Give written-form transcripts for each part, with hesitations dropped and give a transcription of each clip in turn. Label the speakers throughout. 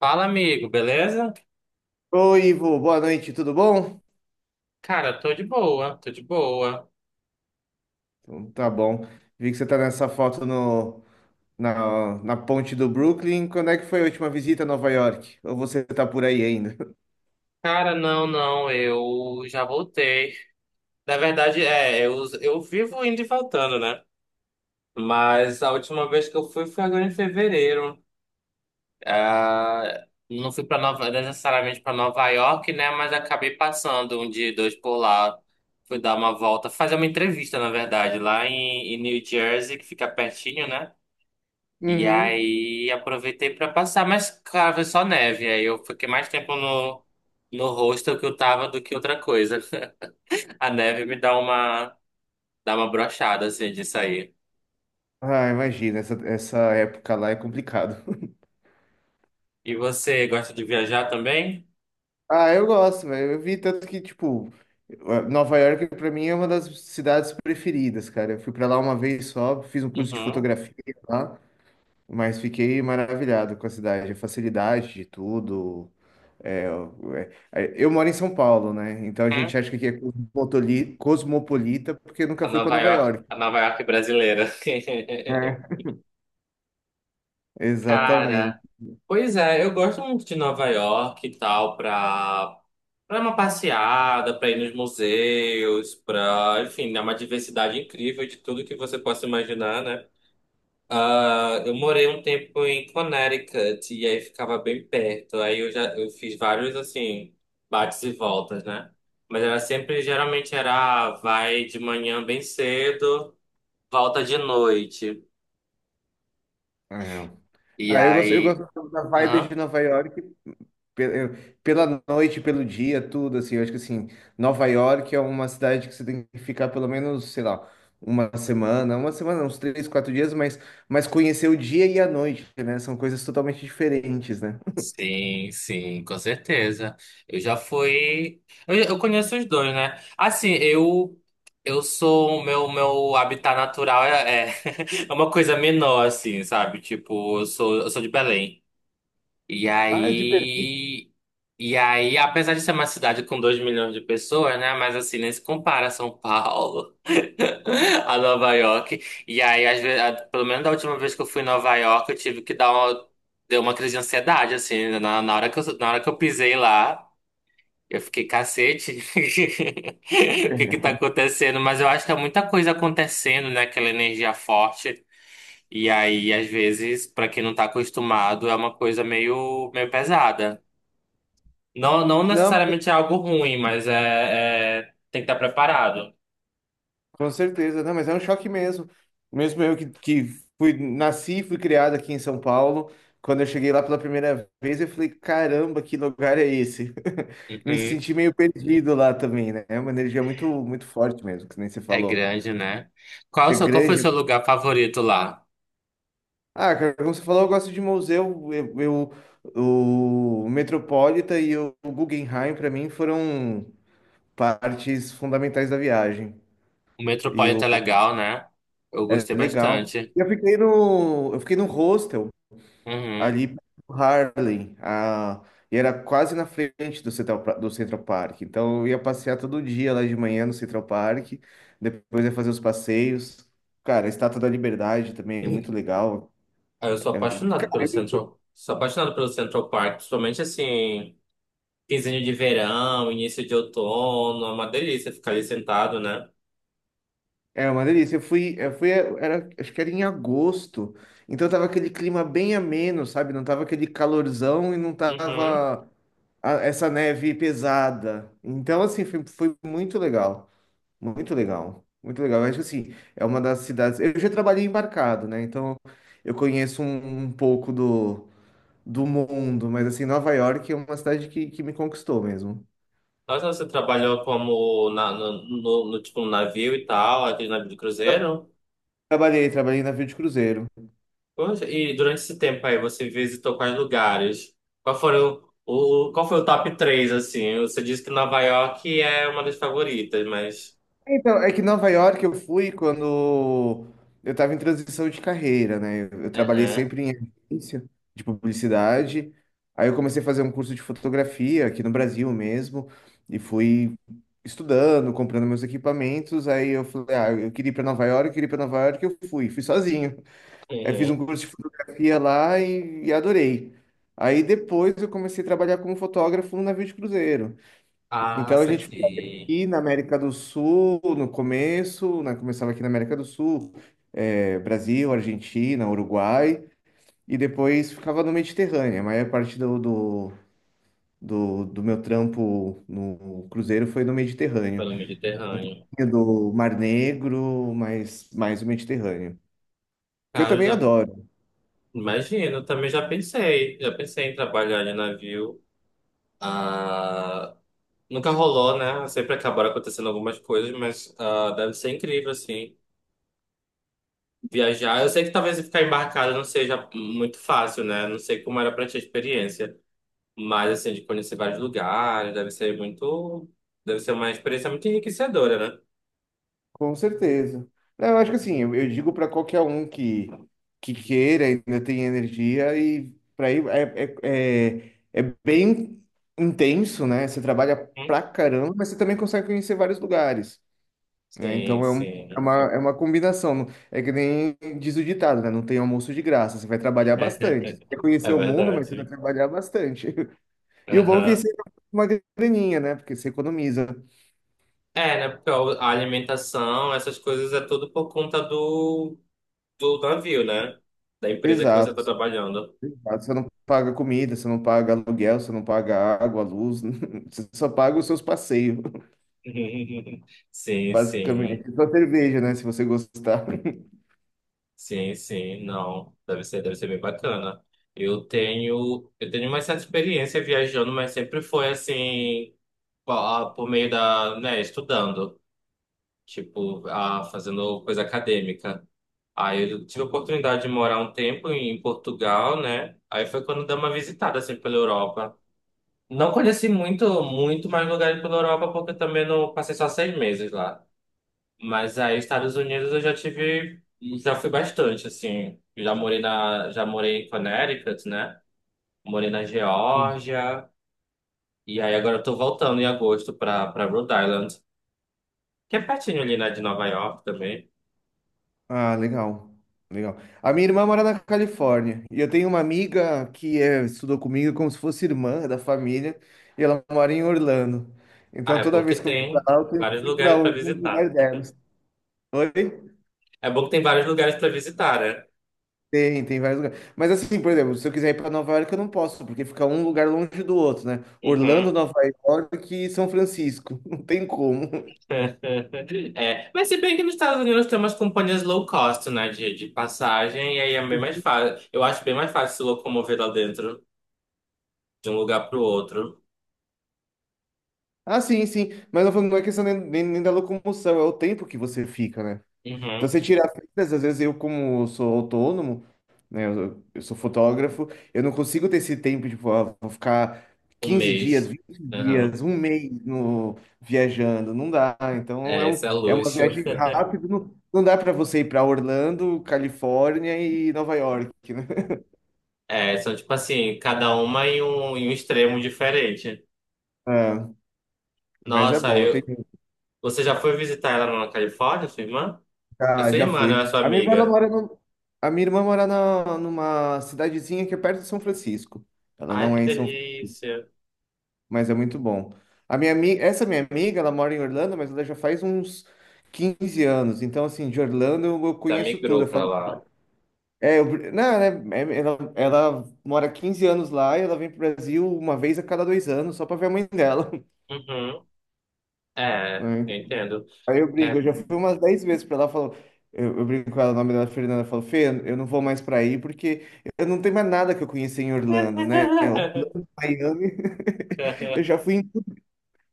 Speaker 1: Fala, amigo, beleza?
Speaker 2: Oi, Ivo, boa noite, tudo bom?
Speaker 1: Cara, tô de boa, tô de boa.
Speaker 2: Então, tá bom. Vi que você tá nessa foto no, na, na ponte do Brooklyn. Quando é que foi a última visita a Nova York? Ou você tá por aí ainda?
Speaker 1: Cara, não, não, eu já voltei. Na verdade, eu vivo indo e voltando, né? Mas a última vez que eu fui foi agora em fevereiro. Ah, não fui para necessariamente para Nova York, né? Mas acabei passando um dia, e dois por lá. Fui dar uma volta, fazer uma entrevista, na verdade, lá em, New Jersey, que fica pertinho, né? E
Speaker 2: Uhum.
Speaker 1: aí aproveitei pra passar, mas claro, foi só neve. Aí eu fiquei mais tempo no, hostel que eu tava do que outra coisa. A neve me dá uma brochada assim de sair.
Speaker 2: Ah, imagina, essa época lá é complicado.
Speaker 1: E você gosta de viajar também?
Speaker 2: Ah, eu gosto, velho. Eu vi tanto que, tipo, Nova York pra mim é uma das cidades preferidas, cara. Eu fui pra lá uma vez só, fiz um curso de
Speaker 1: Uhum.
Speaker 2: fotografia lá, mas fiquei maravilhado com a cidade, a facilidade de tudo. É, é, eu moro em São Paulo, né? Então a
Speaker 1: Hum.
Speaker 2: gente acha que aqui é cosmopolita porque nunca foi para Nova York.
Speaker 1: A Nova York brasileira.
Speaker 2: É, exatamente.
Speaker 1: Cara. Pois é, eu gosto muito de Nova York e tal, pra uma passeada, pra ir nos museus, pra, enfim, é uma diversidade incrível de tudo que você possa imaginar, né? Ah, eu morei um tempo em Connecticut e aí ficava bem perto. Aí eu fiz vários assim bates e voltas, né? Mas era sempre, geralmente era vai de manhã bem cedo, volta de noite.
Speaker 2: É.
Speaker 1: E
Speaker 2: Ah, eu
Speaker 1: aí,
Speaker 2: gosto da vibe de
Speaker 1: aham.
Speaker 2: Nova York pe- eu- pela noite, pelo dia, tudo assim. Eu acho que assim, Nova York é uma cidade que você tem que ficar pelo menos, sei lá, uma semana, uns 3, 4 dias, mas conhecer o dia e a noite, né? São coisas totalmente diferentes, né?
Speaker 1: Sim, sim, com certeza. Eu já fui. Eu conheço os dois, né? Assim, eu sou o meu habitat natural é uma coisa menor, assim, sabe? Tipo, eu sou de Belém. E
Speaker 2: Ah, de... Belém.
Speaker 1: aí. E aí, apesar de ser uma cidade com 2 milhões de pessoas, né? Mas assim, nem se compara a São Paulo, a Nova York. E aí, às vezes, pelo menos da última vez que eu fui em Nova York, eu tive que deu uma crise de ansiedade, assim. Na hora que eu pisei lá, eu fiquei, cacete, o que que tá acontecendo? Mas eu acho que é muita coisa acontecendo, né? Aquela energia forte. E aí, às vezes, pra quem não tá acostumado, é uma coisa meio, meio pesada. Não, não
Speaker 2: Não,
Speaker 1: necessariamente é algo ruim, mas tem que estar preparado.
Speaker 2: com certeza, não, mas é um choque mesmo. Mesmo eu que fui, nasci e fui criado aqui em São Paulo, quando eu cheguei lá pela primeira vez, eu falei, caramba, que lugar é esse? Me
Speaker 1: Uhum.
Speaker 2: senti meio perdido lá também, né? É uma energia muito, muito forte mesmo, que nem você
Speaker 1: É
Speaker 2: falou.
Speaker 1: grande, né?
Speaker 2: É
Speaker 1: Qual foi o
Speaker 2: grande.
Speaker 1: seu lugar favorito lá?
Speaker 2: Ah, cara, como você falou, eu gosto de museu. O Metropolitan e o Guggenheim, para mim, foram partes fundamentais da viagem.
Speaker 1: O
Speaker 2: E
Speaker 1: Metropolitan
Speaker 2: o,
Speaker 1: é legal, né? Eu
Speaker 2: é
Speaker 1: gostei
Speaker 2: legal.
Speaker 1: bastante.
Speaker 2: Eu fiquei no hostel
Speaker 1: Uhum.
Speaker 2: ali pro Harlem, e era quase na frente do do Central Park. Então eu ia passear todo dia lá de manhã no Central Park, depois ia fazer os passeios. Cara, a Estátua da Liberdade também é muito legal.
Speaker 1: Ah, eu sou
Speaker 2: É,
Speaker 1: apaixonado pelo
Speaker 2: cara,
Speaker 1: Central, sou apaixonado pelo Central, Park, principalmente assim, quinzinho de verão, início de outono, é uma delícia ficar ali sentado, né?
Speaker 2: é uma delícia. Eu fui, era, acho que era em agosto, então tava aquele clima bem ameno, sabe? Não tava aquele calorzão e não
Speaker 1: Uhum.
Speaker 2: tava essa neve pesada. Então, assim, foi, foi muito legal. Muito legal, muito legal. Eu acho que assim, é uma das cidades. Eu já trabalhei embarcado, né? Então eu conheço um pouco do mundo, mas assim, Nova York é uma cidade que me conquistou mesmo.
Speaker 1: Mas você trabalhou como na, no, no, no, tipo, no navio e tal, aquele navio de
Speaker 2: Tra-
Speaker 1: cruzeiro?
Speaker 2: Trabalhei, trabalhei em navio de cruzeiro.
Speaker 1: Poxa, e durante esse tempo aí, você visitou quais lugares? Qual foi o top 3 assim? Você disse que Nova York é uma das favoritas, mas...
Speaker 2: Então, é que Nova York eu fui quando eu estava em transição de carreira, né? Eu trabalhei
Speaker 1: Aham,
Speaker 2: sempre em agência de publicidade. Aí eu comecei a fazer um curso de fotografia aqui no Brasil mesmo e fui estudando, comprando meus equipamentos. Aí eu falei, ah, eu queria ir para Nova York, eu queria ir para Nova York, eu fui, fui sozinho. Aí fiz um
Speaker 1: uhum.
Speaker 2: curso de fotografia lá e adorei. Aí depois eu comecei a trabalhar como fotógrafo no navio de cruzeiro.
Speaker 1: Ah,
Speaker 2: Então a gente ficava
Speaker 1: saquei.
Speaker 2: aqui na América do Sul no começo, né? Começava aqui na América do Sul, é, Brasil, Argentina, Uruguai, e depois ficava no Mediterrâneo. A maior parte do meu trampo no cruzeiro foi no Mediterrâneo,
Speaker 1: Pelo Mediterrâneo.
Speaker 2: do Mar Negro, mas mais o Mediterrâneo, que eu
Speaker 1: Cara, eu
Speaker 2: também
Speaker 1: já
Speaker 2: adoro.
Speaker 1: imagino, eu também já pensei. Já pensei em trabalhar de navio. Ah, nunca rolou, né? Sempre acabaram acontecendo algumas coisas, mas deve ser incrível, assim. Viajar. Eu sei que talvez ficar embarcado não seja muito fácil, né? Não sei como era pra ti a experiência. Mas, assim, de conhecer vários lugares, deve ser muito. Deve ser uma experiência muito enriquecedora, né?
Speaker 2: Com certeza. Não, eu acho que assim, eu digo para qualquer um que queira, ainda tem energia, e para ir é bem intenso, né? Você trabalha
Speaker 1: Hum?
Speaker 2: pra caramba, mas você também consegue conhecer vários lugares. Né?
Speaker 1: Sim, sim.
Speaker 2: É uma combinação. É que nem diz o ditado, né? Não tem almoço de graça, você vai trabalhar bastante. Você quer
Speaker 1: É
Speaker 2: conhecer o mundo, mas você vai
Speaker 1: verdade.
Speaker 2: trabalhar bastante. E o bom é que
Speaker 1: Aham.
Speaker 2: você tem uma graninha, né? Porque você economiza.
Speaker 1: É, né? Porque a alimentação, essas coisas é tudo por conta do, navio, né? Da empresa que você
Speaker 2: Exato.
Speaker 1: tá trabalhando.
Speaker 2: Exato, você não paga comida, você não paga aluguel, você não paga água, luz, você só paga os seus passeios,
Speaker 1: Sim, sim,
Speaker 2: basicamente. Só cerveja, né? Se você gostar.
Speaker 1: sim, sim, não, deve ser bem bacana. Eu tenho uma certa experiência viajando, mas sempre foi assim, por meio da, né, estudando, tipo, fazendo coisa acadêmica. Aí eu tive a oportunidade de morar um tempo em Portugal, né? Aí foi quando dei uma visitada assim pela Europa. Não conheci muito, muito mais lugares pela Europa, porque eu também não passei só 6 meses lá. Mas aí, Estados Unidos já fui bastante, assim. Já morei em Connecticut, né? Morei na Geórgia. E aí agora eu tô voltando em agosto pra, Rhode Island, que é pertinho ali, né, de Nova York também.
Speaker 2: Ah, legal. Legal. A minha irmã mora na Califórnia e eu tenho uma amiga que é, estudou comigo como se fosse irmã da família e ela mora em Orlando.
Speaker 1: Ah,
Speaker 2: Então
Speaker 1: é
Speaker 2: toda
Speaker 1: bom que
Speaker 2: vez que eu vou pra
Speaker 1: tem
Speaker 2: lá, eu tenho
Speaker 1: vários
Speaker 2: que ir pra
Speaker 1: lugares pra
Speaker 2: algum lugar
Speaker 1: visitar.
Speaker 2: delas. Oi?
Speaker 1: É bom que tem vários lugares pra visitar, né?
Speaker 2: Tem, tem vários lugares. Mas assim, por exemplo, se eu quiser ir para Nova York, eu não posso, porque fica um lugar longe do outro, né? Orlando,
Speaker 1: Uhum.
Speaker 2: Nova York e São Francisco. Não tem como.
Speaker 1: É, mas se bem que nos Estados Unidos tem umas companhias low cost, né, de, passagem, e aí é bem mais fácil. Eu acho bem mais fácil se locomover lá dentro de um lugar pro outro.
Speaker 2: Ah, sim, sim. Mas não é questão nem da locomoção, é o tempo que você fica, né? Então
Speaker 1: Uhum.
Speaker 2: você tira fitas, às vezes eu, como sou autônomo, né, eu sou fotógrafo, eu não consigo ter esse tempo de, tipo, ah, vou ficar
Speaker 1: Um
Speaker 2: 15 dias,
Speaker 1: mês.
Speaker 2: vinte
Speaker 1: Uhum.
Speaker 2: dias, um mês no, viajando, não dá. Então é,
Speaker 1: É,
Speaker 2: um,
Speaker 1: isso é
Speaker 2: é uma
Speaker 1: luxo.
Speaker 2: viagem rápida, não, não dá para você ir para Orlando, Califórnia e Nova York, né?
Speaker 1: É, são tipo assim, cada uma em um extremo diferente.
Speaker 2: Ah, mas é
Speaker 1: Nossa,
Speaker 2: bom, eu
Speaker 1: eu...
Speaker 2: tenho,
Speaker 1: Você já foi visitar ela na Califórnia, sua irmã? A
Speaker 2: já,
Speaker 1: sua
Speaker 2: já
Speaker 1: irmã, não é
Speaker 2: fui.
Speaker 1: a sua
Speaker 2: A minha irmã ela
Speaker 1: amiga.
Speaker 2: mora no, a minha irmã mora na, numa cidadezinha que é perto de São Francisco. Ela
Speaker 1: Ai,
Speaker 2: não
Speaker 1: que
Speaker 2: é em São
Speaker 1: delícia.
Speaker 2: mas é muito bom. Essa minha amiga, ela mora em Orlando, mas ela já faz uns 15 anos. Então, assim, de Orlando eu
Speaker 1: Já
Speaker 2: conheço tudo.
Speaker 1: migrou
Speaker 2: Eu
Speaker 1: pra
Speaker 2: falo,
Speaker 1: lá.
Speaker 2: é, eu, não, né, é, ela mora 15 anos lá e ela vem pro Brasil uma vez a cada 2 anos só pra ver a mãe dela.
Speaker 1: Uhum. É,
Speaker 2: Né?
Speaker 1: eu entendo.
Speaker 2: Aí eu brigo,
Speaker 1: É.
Speaker 2: eu já fui umas 10 vezes pra ela, falou, eu brinco com ela, o nome dela é Fernanda, eu falo, Fê, eu não vou mais pra aí porque eu não tenho mais nada que eu conheci em Orlando, né? Orlando, Miami, eu já fui em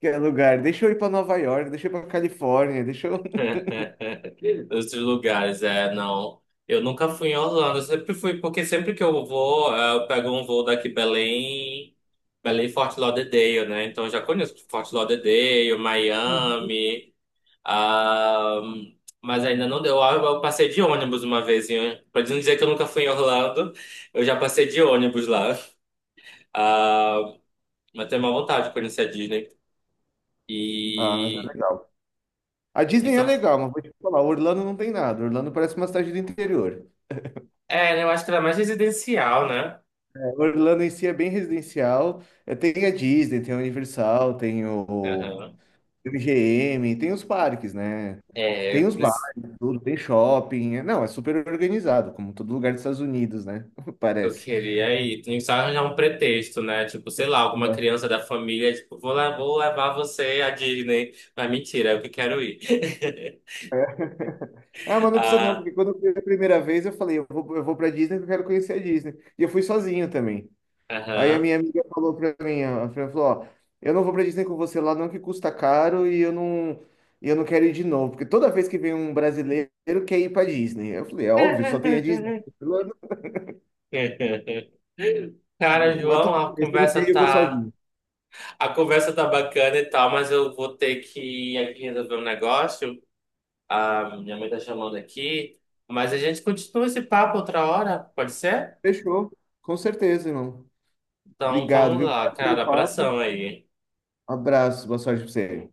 Speaker 2: que é lugar. Deixa eu ir pra Nova York, deixa eu ir pra Califórnia, deixa eu.
Speaker 1: Outros lugares, é, não. Eu nunca fui em Orlando, eu sempre fui, porque sempre que eu vou, eu pego um voo daqui Belém, Belém Fort Lauderdale, né? Então eu já conheço Fort Lauderdale, Miami, ah, mas ainda não deu. Eu passei de ônibus uma vez, hein? Pra não dizer que eu nunca fui em Orlando, eu já passei de ônibus lá. Ah, mas tenho uma vontade de conhecer a Disney.
Speaker 2: Ah, mas é
Speaker 1: E,
Speaker 2: legal. A
Speaker 1: e
Speaker 2: Disney é
Speaker 1: são,
Speaker 2: legal, mas vou te falar, Orlando não tem nada. Orlando parece uma cidade do interior.
Speaker 1: eu acho que ela é mais residencial, né?
Speaker 2: É, Orlando em si é bem residencial. É, tem a Disney, tem a Universal, tem o MGM, tem os parques, né?
Speaker 1: É,
Speaker 2: Tem os bares, tudo, tem shopping. É- não, é super organizado, como todo lugar dos Estados Unidos, né?
Speaker 1: eu
Speaker 2: Parece.
Speaker 1: queria ir. Tem que só arranjar um pretexto, né? Tipo, sei lá, alguma
Speaker 2: Ué.
Speaker 1: criança da família, tipo, vou levar você à Disney. Mas mentira, eu que quero ir.
Speaker 2: Ah, mas não precisa não,
Speaker 1: Ah,
Speaker 2: porque quando eu fui a primeira vez, eu falei, eu vou pra Disney porque eu quero conhecer a Disney. E eu fui sozinho também. Aí a
Speaker 1: aham.
Speaker 2: minha amiga falou pra mim, ó, ela falou, ó, eu não vou pra Disney com você lá, não que custa caro e eu não quero ir de novo, porque toda vez que vem um brasileiro quer ir pra Disney. Eu falei, é óbvio, só tem a Disney. Ela,
Speaker 1: Cara,
Speaker 2: "Não, mas
Speaker 1: João,
Speaker 2: tudo
Speaker 1: a
Speaker 2: bem, se eu não quer
Speaker 1: conversa
Speaker 2: ir, eu vou
Speaker 1: tá,
Speaker 2: sozinho.
Speaker 1: a conversa tá bacana e tal, mas eu vou ter que ir aqui resolver um negócio. A minha mãe tá chamando aqui, mas a gente continua esse papo outra hora, pode ser?
Speaker 2: Fechou, com certeza, irmão.
Speaker 1: Então
Speaker 2: Obrigado,
Speaker 1: vamos
Speaker 2: viu?
Speaker 1: lá,
Speaker 2: Obrigado pelo
Speaker 1: cara,
Speaker 2: papo.
Speaker 1: abração aí.
Speaker 2: Abraço, boa sorte pra você.